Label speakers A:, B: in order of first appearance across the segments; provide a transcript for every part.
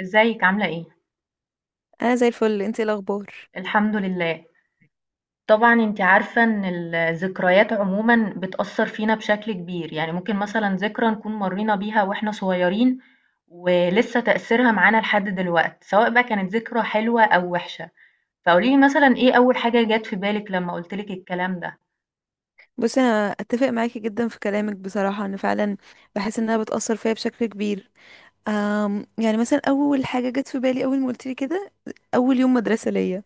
A: ازيك عاملة ايه؟
B: انا زي الفل. انتي إيه الاخبار؟
A: الحمد لله. طبعا انت عارفة ان الذكريات عموما بتأثر فينا بشكل كبير، يعني ممكن مثلا ذكرى نكون مرينا بيها واحنا صغيرين ولسه تأثيرها معانا لحد دلوقت، سواء بقى كانت ذكرى حلوة او وحشة. فقوليلي مثلا ايه اول حاجة جت في بالك لما قلتلك الكلام ده؟
B: بصي، انا اتفق معاكي جدا في كلامك. بصراحه، انا فعلا بحس انها بتاثر فيا بشكل كبير. يعني مثلا اول حاجه جت في بالي اول ما قلت لي كده، اول يوم مدرسه ليا.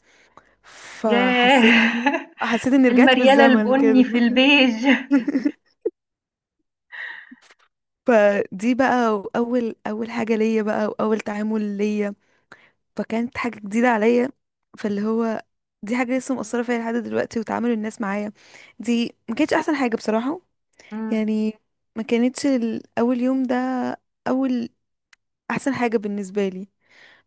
A: ياه
B: فحسيت حسيت اني رجعت
A: المريالة
B: بالزمن
A: البني
B: كده.
A: في البيج
B: فدي بقى اول حاجه ليا بقى، واول تعامل ليا، فكانت حاجه جديده عليا. فاللي هو دي حاجه لسه مؤثره فيا لحد دلوقتي، وتعامل الناس معايا دي ما كانتش احسن حاجه بصراحه.
A: مم.
B: يعني ما كانتش اول يوم ده اول احسن حاجة بالنسبة لي.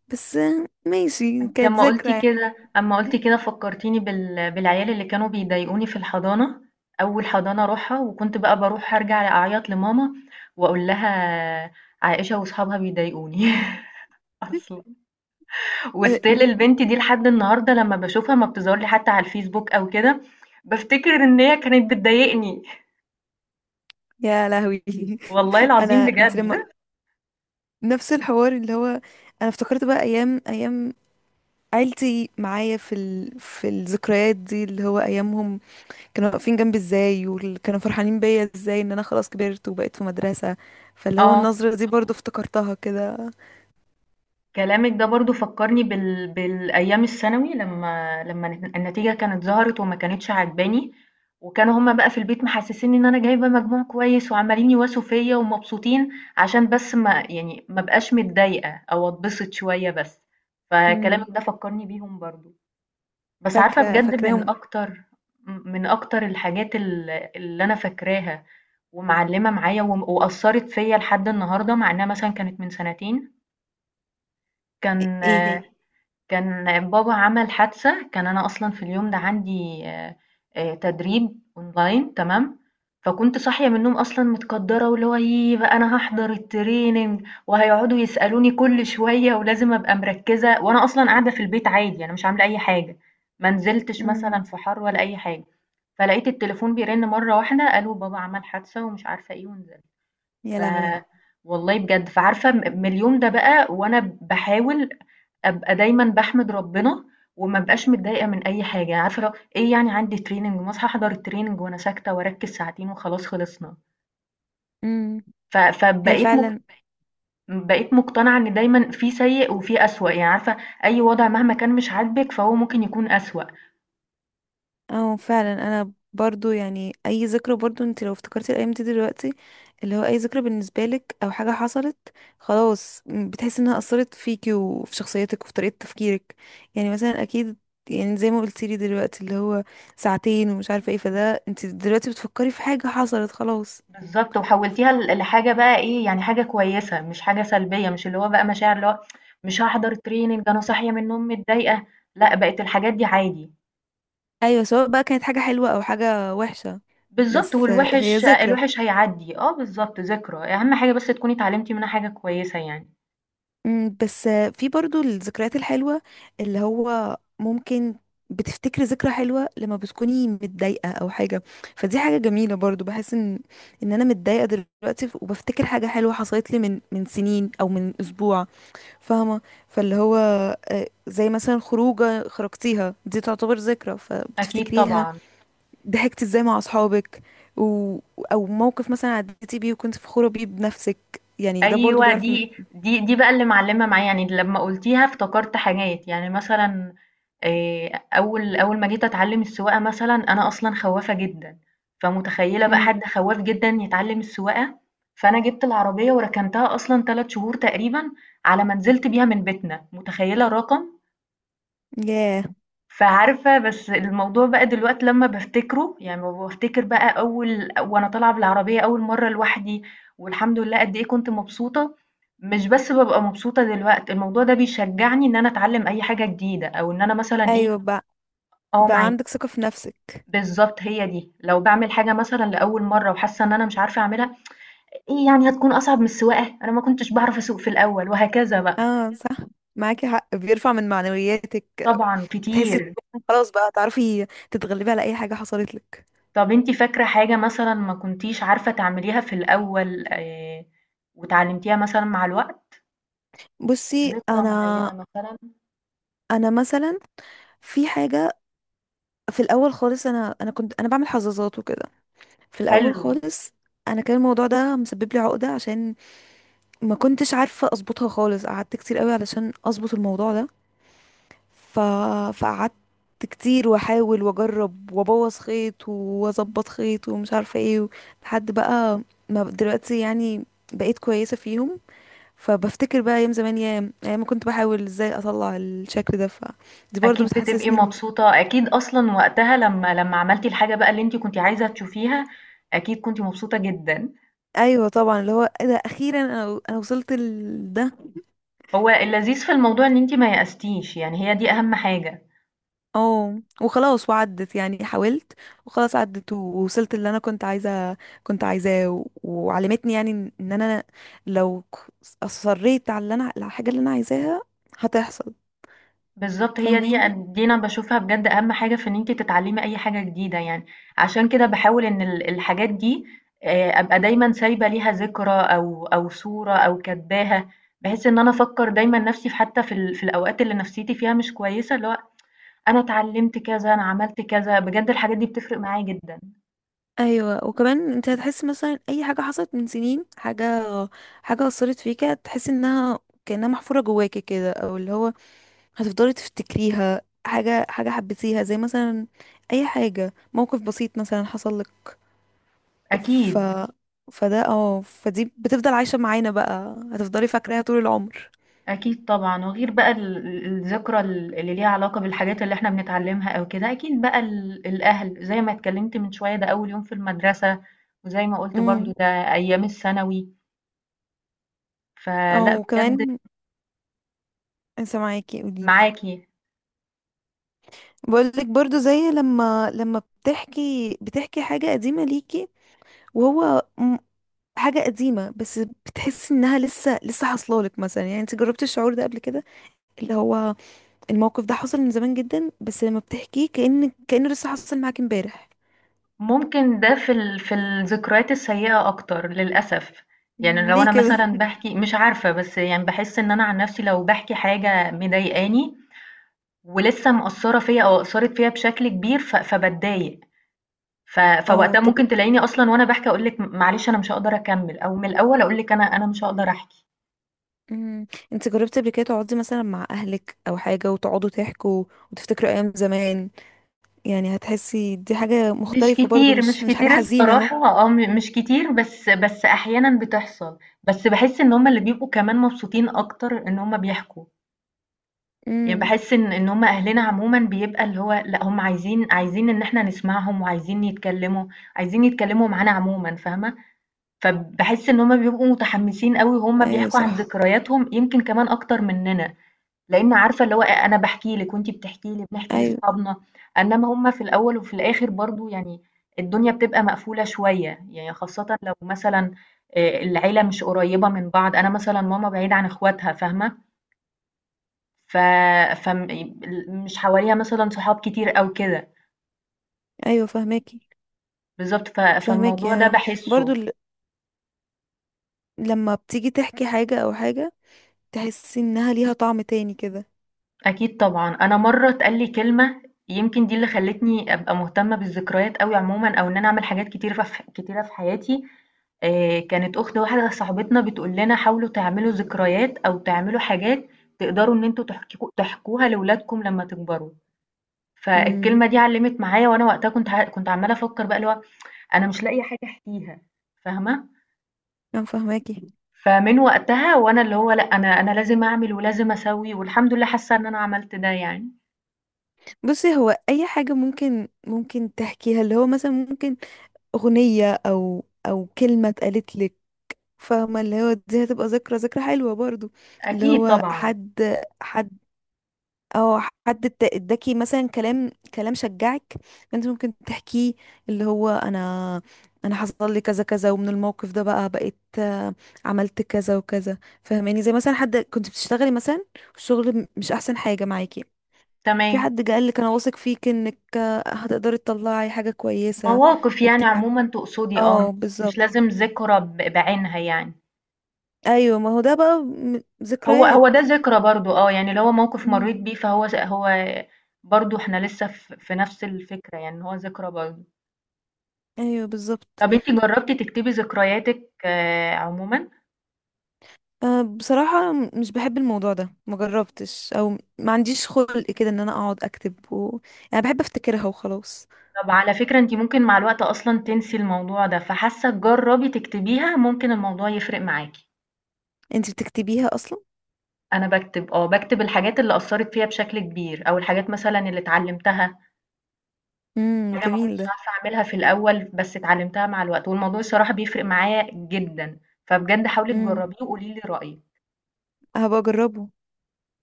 B: بس ماشي،
A: أنتِ
B: كانت
A: أمّا
B: ذكرى
A: قُلتِ
B: يعني.
A: كده أمّا قُلتِ كده فكّرتيني بالعيال اللي كانوا بيضايقوني في الحضانة، أول حضانة أروحها، وكنت بقى باروح أرجع أعيّط لماما وأقول لها عائشة وأصحابها بيضايقوني أصلًا، وstill البنت دي لحد النهارده لمّا باشوفها ما بتظهر لي حتى على الفيسبوك أو كده، بافتكر إن هي كانت بتضايقني،
B: يا لهوي!
A: والله العظيم
B: انت لما
A: بجد.
B: نفس الحوار اللي هو، انا افتكرت بقى ايام عيلتي معايا في الذكريات دي، اللي هو ايامهم كانوا واقفين جنبي ازاي، وكانوا فرحانين بيا ازاي ان انا خلاص كبرت وبقيت في مدرسة. فاللي هو
A: آه.
B: النظرة دي برضو افتكرتها كده.
A: كلامك ده برضو فكرني بالأيام الثانوي، لما النتيجة كانت ظهرت وما كانتش عجباني، وكانوا هما بقى في البيت محسسين ان انا جايبة مجموع كويس، وعمالين يواسوا فيا ومبسوطين عشان بس ما يعني ما بقاش متضايقة او اتبسط شوية بس. فكلامك
B: مم.
A: ده فكرني بيهم برضو. بس عارفة
B: فاكرة
A: بجد، من
B: فاكراهم.
A: اكتر، الحاجات اللي انا فاكراها ومعلمة معايا وأثرت فيا لحد النهاردة، مع انها مثلا كانت من سنتين. كان
B: ايه.
A: كان بابا عمل حادثة، كان أنا أصلًا في اليوم ده عندي تدريب أونلاين، تمام؟ فكنت صاحية من النوم أصلًا متكدرة، واللي هو ييه بقى أنا هاحضر الtraining وهيقعدوا يسألوني كل شوية ولازم أبقى مركزة، وأنا أصلًا قاعدة في البيت عادي، أنا مش عاملة أي حاجة، ما نزلتش
B: هي.
A: مثلًا في حر ولا أي حاجة. فلقيت التليفون بيرن مرة واحدة، قالوا بابا عمل حادثة ومش عارفة إيه ونزل.
B: يا
A: ف
B: لهوي.
A: والله بجد. فعارفة، من اليوم ده بقى وأنا باحاول أبقى دايمًا باحمد ربنا وما ابقاش متضايقة من أي حاجة. عارفة اللي هو إيه؟ يعني عندي training، ما أصحى أحضر الtraining وأنا ساكتة وأركّز ساعتين وخلاص خلصنا.
B: امم.
A: ف
B: هي
A: فبقيت مق
B: فعلا.
A: بقيت مقتنعة إن دايمًا في سيء وفي أسوأ، يعني عارفة، أي وضع مهما كان مش عاجبِك فهو ممكن يكون أسوأ.
B: اه فعلا، انا برضو يعني اي ذكرى، برضو انت لو افتكرتي الايام دي دلوقتي، اللي هو اي ذكرى بالنسبه لك او حاجه حصلت خلاص، بتحسي انها اثرت فيكي وفي شخصيتك وفي طريقه تفكيرك. يعني مثلا اكيد، يعني زي ما قلتي لي دلوقتي اللي هو ساعتين ومش عارفه ايه، فده انت دلوقتي بتفكري في حاجه حصلت خلاص.
A: بالضبط، وحوّلتيها لحاجة بقى إيه، يعني حاجة كويسة مش حاجة سلبية، مش اللي هو بقى مشاعر اللي هو مش هاحضر training أنا صاحية من النوم متضايقة، لأ، بقت الحاجات دي عادي.
B: ايوه، سواء بقى كانت حاجه حلوه او حاجه وحشه.
A: بالضبط،
B: بس هي
A: والوِحِش
B: ذكرى.
A: الوِحِش هيعدّي، آه بالضبط، ذكرى، أهم حاجة بس تكوني اتعلمتِ منها حاجة كويسة يعني.
B: بس في برضو الذكريات الحلوة اللي هو ممكن بتفتكري ذكرى حلوة لما بتكوني متضايقة أو حاجة. فدي حاجة جميلة برضو، بحس إن أنا متضايقة دلوقتي، وبفتكر حاجة حلوة حصلت لي من سنين أو من أسبوع. فاهمة؟ فاللي هو زي مثلا خروجة خرجتيها دي تعتبر ذكرى
A: أكيد
B: فبتفتكريها،
A: طبعًا.
B: ضحكتي ازاي مع أصحابك و... أو موقف مثلا عديتي بيه وكنت فخورة بيه بنفسك. يعني ده برضو
A: أيوه،
B: بيعرف
A: دي بقى اللي معلّمة معايا، يعني لمّا قُلتيها افتكرت حاجات، يعني مثلًا أول ما جيت أتعلّم السواقة مثلًا، أنا أصلًا خوّافة جدًا، فمتخيّلة بقى
B: مم.
A: حد خواّاف جدًا يتعلّم السواقة. فأنا جِبت العربية وركنتها أصلًا 3 شهور تقريبًا على ما نزلت بيها من بيتنا، متخيّلة الرقم؟
B: ياه.
A: فعارفة، بس الموضوع بقى دلوقتي لمّا بافتكره، يعني لمّا بافتكر بقى أول وأنا طالعة بالعربية أول مرّة لوحدي، والحمد لله قد إيه كنت مبسوطة. مش بس بابقى مبسوطة دلوقتي، الموضوع ده بيشجّعني إن أنا أتعلّم أي حاجة جديدة، أو إن أنا مثلًا إيه.
B: ايوه بقى.
A: آه
B: بقى
A: معاكِ.
B: عندك ثقة في نفسك.
A: بالضبط هي دي. لو باعمل حاجة مثلًا لأول مرّة وحاسة إن أنا مش عارفة أعملها، إيه يعني هتكون أصعب من السواقة؟ أنا ما كنتش باعرف أسوق في الأول وهكذا بقى.
B: اه صح، معاكي حق بيرفع من معنوياتك.
A: طبعًا
B: بتحسي
A: كتير.
B: انك خلاص بقى تعرفي تتغلبي على اي حاجة حصلت لك.
A: طب أنتِ فاكرة حاجة مثلًا ما كنتيش عارفة تعمليها في الأول واتعلمتيها مثلًا مع الوقت؟
B: بصي،
A: ذكرى
B: انا،
A: معينة مثلًا؟
B: انا مثلا في حاجة، في الاول خالص انا كنت انا بعمل حظاظات وكده في الاول
A: حلو.
B: خالص. انا كان الموضوع ده مسبب لي عقدة عشان ما كنتش عارفة اظبطها خالص. قعدت كتير قوي علشان اظبط الموضوع ده، ف... فقعدت كتير واحاول واجرب وابوظ خيط واظبط خيط ومش عارفه ايه لحد بقى ما ب- دلوقتي يعني بقيت كويسه فيهم. فبفتكر بقى ايام زمان، يا ايام ما كنت بحاول ازاي اطلع الشكل ده، فدي برضو
A: أكيد بتبقي
B: بتحسسني
A: مبسوطة، أكيد أصلًا وقتها لمّا عملتِ الحاجة بقى اللي أنتِ كنتِ عايزة تشوفيها، أكيد كنتِ مبسوطة جدًا.
B: ايوه طبعا، اللي هو ايه ده، اخيرا انا وصلت لده.
A: هو اللذيذ في الموضوع إن أنتِ ما يأستيش، يعني هي دي أهم حاجة.
B: اه وخلاص وعدت يعني، حاولت وخلاص عدت ووصلت اللي انا كنت عايزاه وعلمتني يعني إن انا لو اصريت على اللي انا على الحاجه اللي انا عايزاها هتحصل.
A: بالضبط هي دي.
B: فاهماني.
A: أن دي أنا باشوفها بجد أهم حاجة في إن أنتِ تتعلمي أي حاجة جديدة يعني. عشان كده باحاول إن الحاجات دي أبقى دايمًا سايبة ليها ذكرى أو أو صورة أو كاتباها، بحيث إن أنا أفكّر دايمًا نفسي في، حتى في الأوقات اللي نفسيتي فيها مش كويسة، اللي هو أنا اتعلمت كذا، أنا عملت كذا. بجد الحاجات دي بتفرق معايا جدًا.
B: ايوه، وكمان انت هتحس مثلا اي حاجه حصلت من سنين، حاجه اثرت فيك، هتحس انها كانها محفوره جواكي كده، او اللي هو هتفضلي تفتكريها. حاجه حبيتيها، زي مثلا اي حاجه، موقف بسيط مثلا حصل لك. ف
A: أكيد.
B: فده اه فدي بتفضل عايشة معانا بقى، هتفضلي فاكراها طول العمر.
A: أكيد طبعًا، وغير بقى ال ال الذكرى اللي ليها علاقة بالحاجات اللي إحنا بنتعلمها أو كده، أكيد بقى الأهل زي ما اتكلمت من شوية، ده أول يوم في المدرسة، وزي ما قُلت برضه
B: امم.
A: ده أيام الثانوي. فلأ
B: او
A: بجد
B: كمان. سامعاكي، قوليلي.
A: معاكِ.
B: بقولك برضو، زي لما بتحكي حاجة قديمة ليكي وهو م- حاجة قديمة، بس بتحسي انها لسه حصلالك مثلا. يعني انت جربتي الشعور ده قبل كده، اللي هو الموقف ده حصل من زمان جدا، بس لما بتحكيه كأنه لسه حصل معاكي امبارح.
A: ممكن ده في الذكريات السيئة أكتر للأسف، يعني
B: مم،
A: لو
B: ليه
A: أنا
B: كده؟
A: مثلًا باحكي، مش عارفة، بس يعني باحس إن أنا عن نفسي لو باحكي حاجة مضايقاني ولسه مأثّرة فيّا أو أثّرت فيّا بشكل كبير، فباتضايق. ف
B: اه
A: فوقتها
B: طب.
A: ممكن تلاقيني أصلًا وأنا باحكي أقول لِك معلش أنا مش هاقدر أكمّل، أو من الأول أقول لِك أنا مش هاقدر أحكي.
B: امم. انت جربتي قبل كده تقعدي مثلا مع اهلك او حاجه، وتقعدوا تحكوا وتفتكروا ايام زمان؟ يعني هتحسي دي حاجه
A: مش
B: مختلفه برضو،
A: كتير، مش
B: مش حاجه
A: كتير
B: حزينه اهو.
A: الصراحة، آه، مش كتير، بس أحيانًا بتحصل، بس باحس إن هُم اللي بيبقوا كمان مبسوطين أكتر إن هُم بيحكوا، يعني
B: امم.
A: باحس إن هُم أهلنا عمومًا، بيبقى اللي هو لأ هُم عايزين، إن إحنا نسمعهم، وعايزين يتكلّموا، عايزين يتكلّموا معانا عمومًا، فاهمة؟ فباحس إن هُم بيبقوا متحمّسين أوي وهُم
B: ايوه
A: بيحكوا عن
B: صح.
A: ذكرياتهم، يمكن كمان أكتر مننا. لإن عارفة اللي هو، أنا باحكي لِك وأنتِ بتحكي لي، بنحكي
B: ايوه.
A: لأصحابنا، إنّما هُم في الأول وفي الآخر برضه يعني الدنيا بتبقى مقفولة شوية، يعني خاصةً لو مثلًا العيلة مش قريّبة من بعض، أنا مثلًا ماما بعيدة عن إخواتها، فاهمة؟ ف فم ال مش حواليها مثلًا صحاب كتير أو كده.
B: ايوه فهماكي.
A: بالضبط،
B: فهماكي،
A: فالموضوع ده
B: برضو
A: باحسّه.
B: لما بتيجي تحكي حاجه او حاجه، تحسي انها ليها طعم تاني كده.
A: أكيد طبعًا. أنا مرّة اتقال لي كلمة، يمكن دي اللي خلّتني أبقى مهتمة بالذكريات أوي عمومًا، أو إن أنا أعمل حاجات كتيرة في ح كتيرة في حياتي. كانت أخت واحدة صاحبتنا بتقول لنا حاولوا تعملوا ذكريات أو تعملوا حاجات تقدروا إن أنتم تحككوا تحكوها لولادكم لمّا تكبروا.
B: امم.
A: فالكلمة دي علّمت معايا، وأنا وقتها كنت عمّالة أفكّر بقى اللي هو أنا مش لاقية حاجة أحكيها، فاهمة؟
B: انا فهماكي.
A: فمن وقتها وأنا اللي هو لأ، أنا لازم أعمل ولازم أسوّي، والحمد لله حاسة إن أنا عملت ده يعني.
B: بصي، هو اي حاجه ممكن تحكيها، اللي هو مثلا ممكن اغنيه او كلمه اتقالت لك، فاهمة؟ اللي هو دي هتبقى ذكرى حلوة برضو. اللي
A: أكيد
B: هو
A: طبعًا.
B: حد او حد اداكي مثلا كلام شجعك، انت ممكن تحكيه، اللي هو انا حصل لي كذا كذا، ومن الموقف ده بقى بقيت عملت كذا وكذا. فاهماني؟ زي مثلا حد كنت بتشتغلي مثلا، الشغل مش احسن حاجة معاكي، في
A: تمام.
B: حد قال لك انا واثق فيك انك هتقدري تطلعي حاجة كويسة
A: مواقف يعني
B: وبتاع.
A: عمومًا تقصدي، آه،
B: اه
A: مش
B: بالظبط.
A: لازم ذكرى بعينها يعني.
B: ايوه، ما هو ده بقى
A: هو
B: ذكريات.
A: ده ذكرى برضه، آه، يعني اللي هو موقف مرّيت بيه، فهو س هو برضه إحنا لسه في نفس الفكرة، يعني إن هو ذكرى برضه.
B: ايوه بالظبط.
A: طب أنتِ جرّبتِ تكتبي ذكرياتِك عمومًا؟
B: أه بصراحة، مش بحب الموضوع ده، مجربتش. او ما عنديش خلق كده ان انا اقعد اكتب يعني بحب افتكرها وخلاص.
A: طب على فكرة أنتِ ممكن مع الوقت أصلًا تنسي الموضوع ده، فحاسة جرّبي تكتبيها، ممكن الموضوع يفرق معاكِ.
B: انت بتكتبيها اصلا؟
A: أنا باكتب، آه، باكتب الحاجات اللي أثّرت فيّا بشكل كبير، أو الحاجات مثلًا اللي اتعلمتها.
B: امم،
A: حاجة ما
B: جميل
A: كنتش
B: ده.
A: عارفة أعملها في الأول، بس اتعلمتها مع الوقت، والموضوع الصراحة بيفرق معايا جدًا، فبجد حاولي
B: امم.
A: تجربيه وقولي لي رأيِك.
B: هبقى اجربه.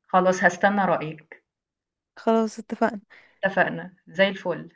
A: خلاص هاستنى رأيِك.
B: خلاص اتفقنا.
A: اتفقنا، زي الفل.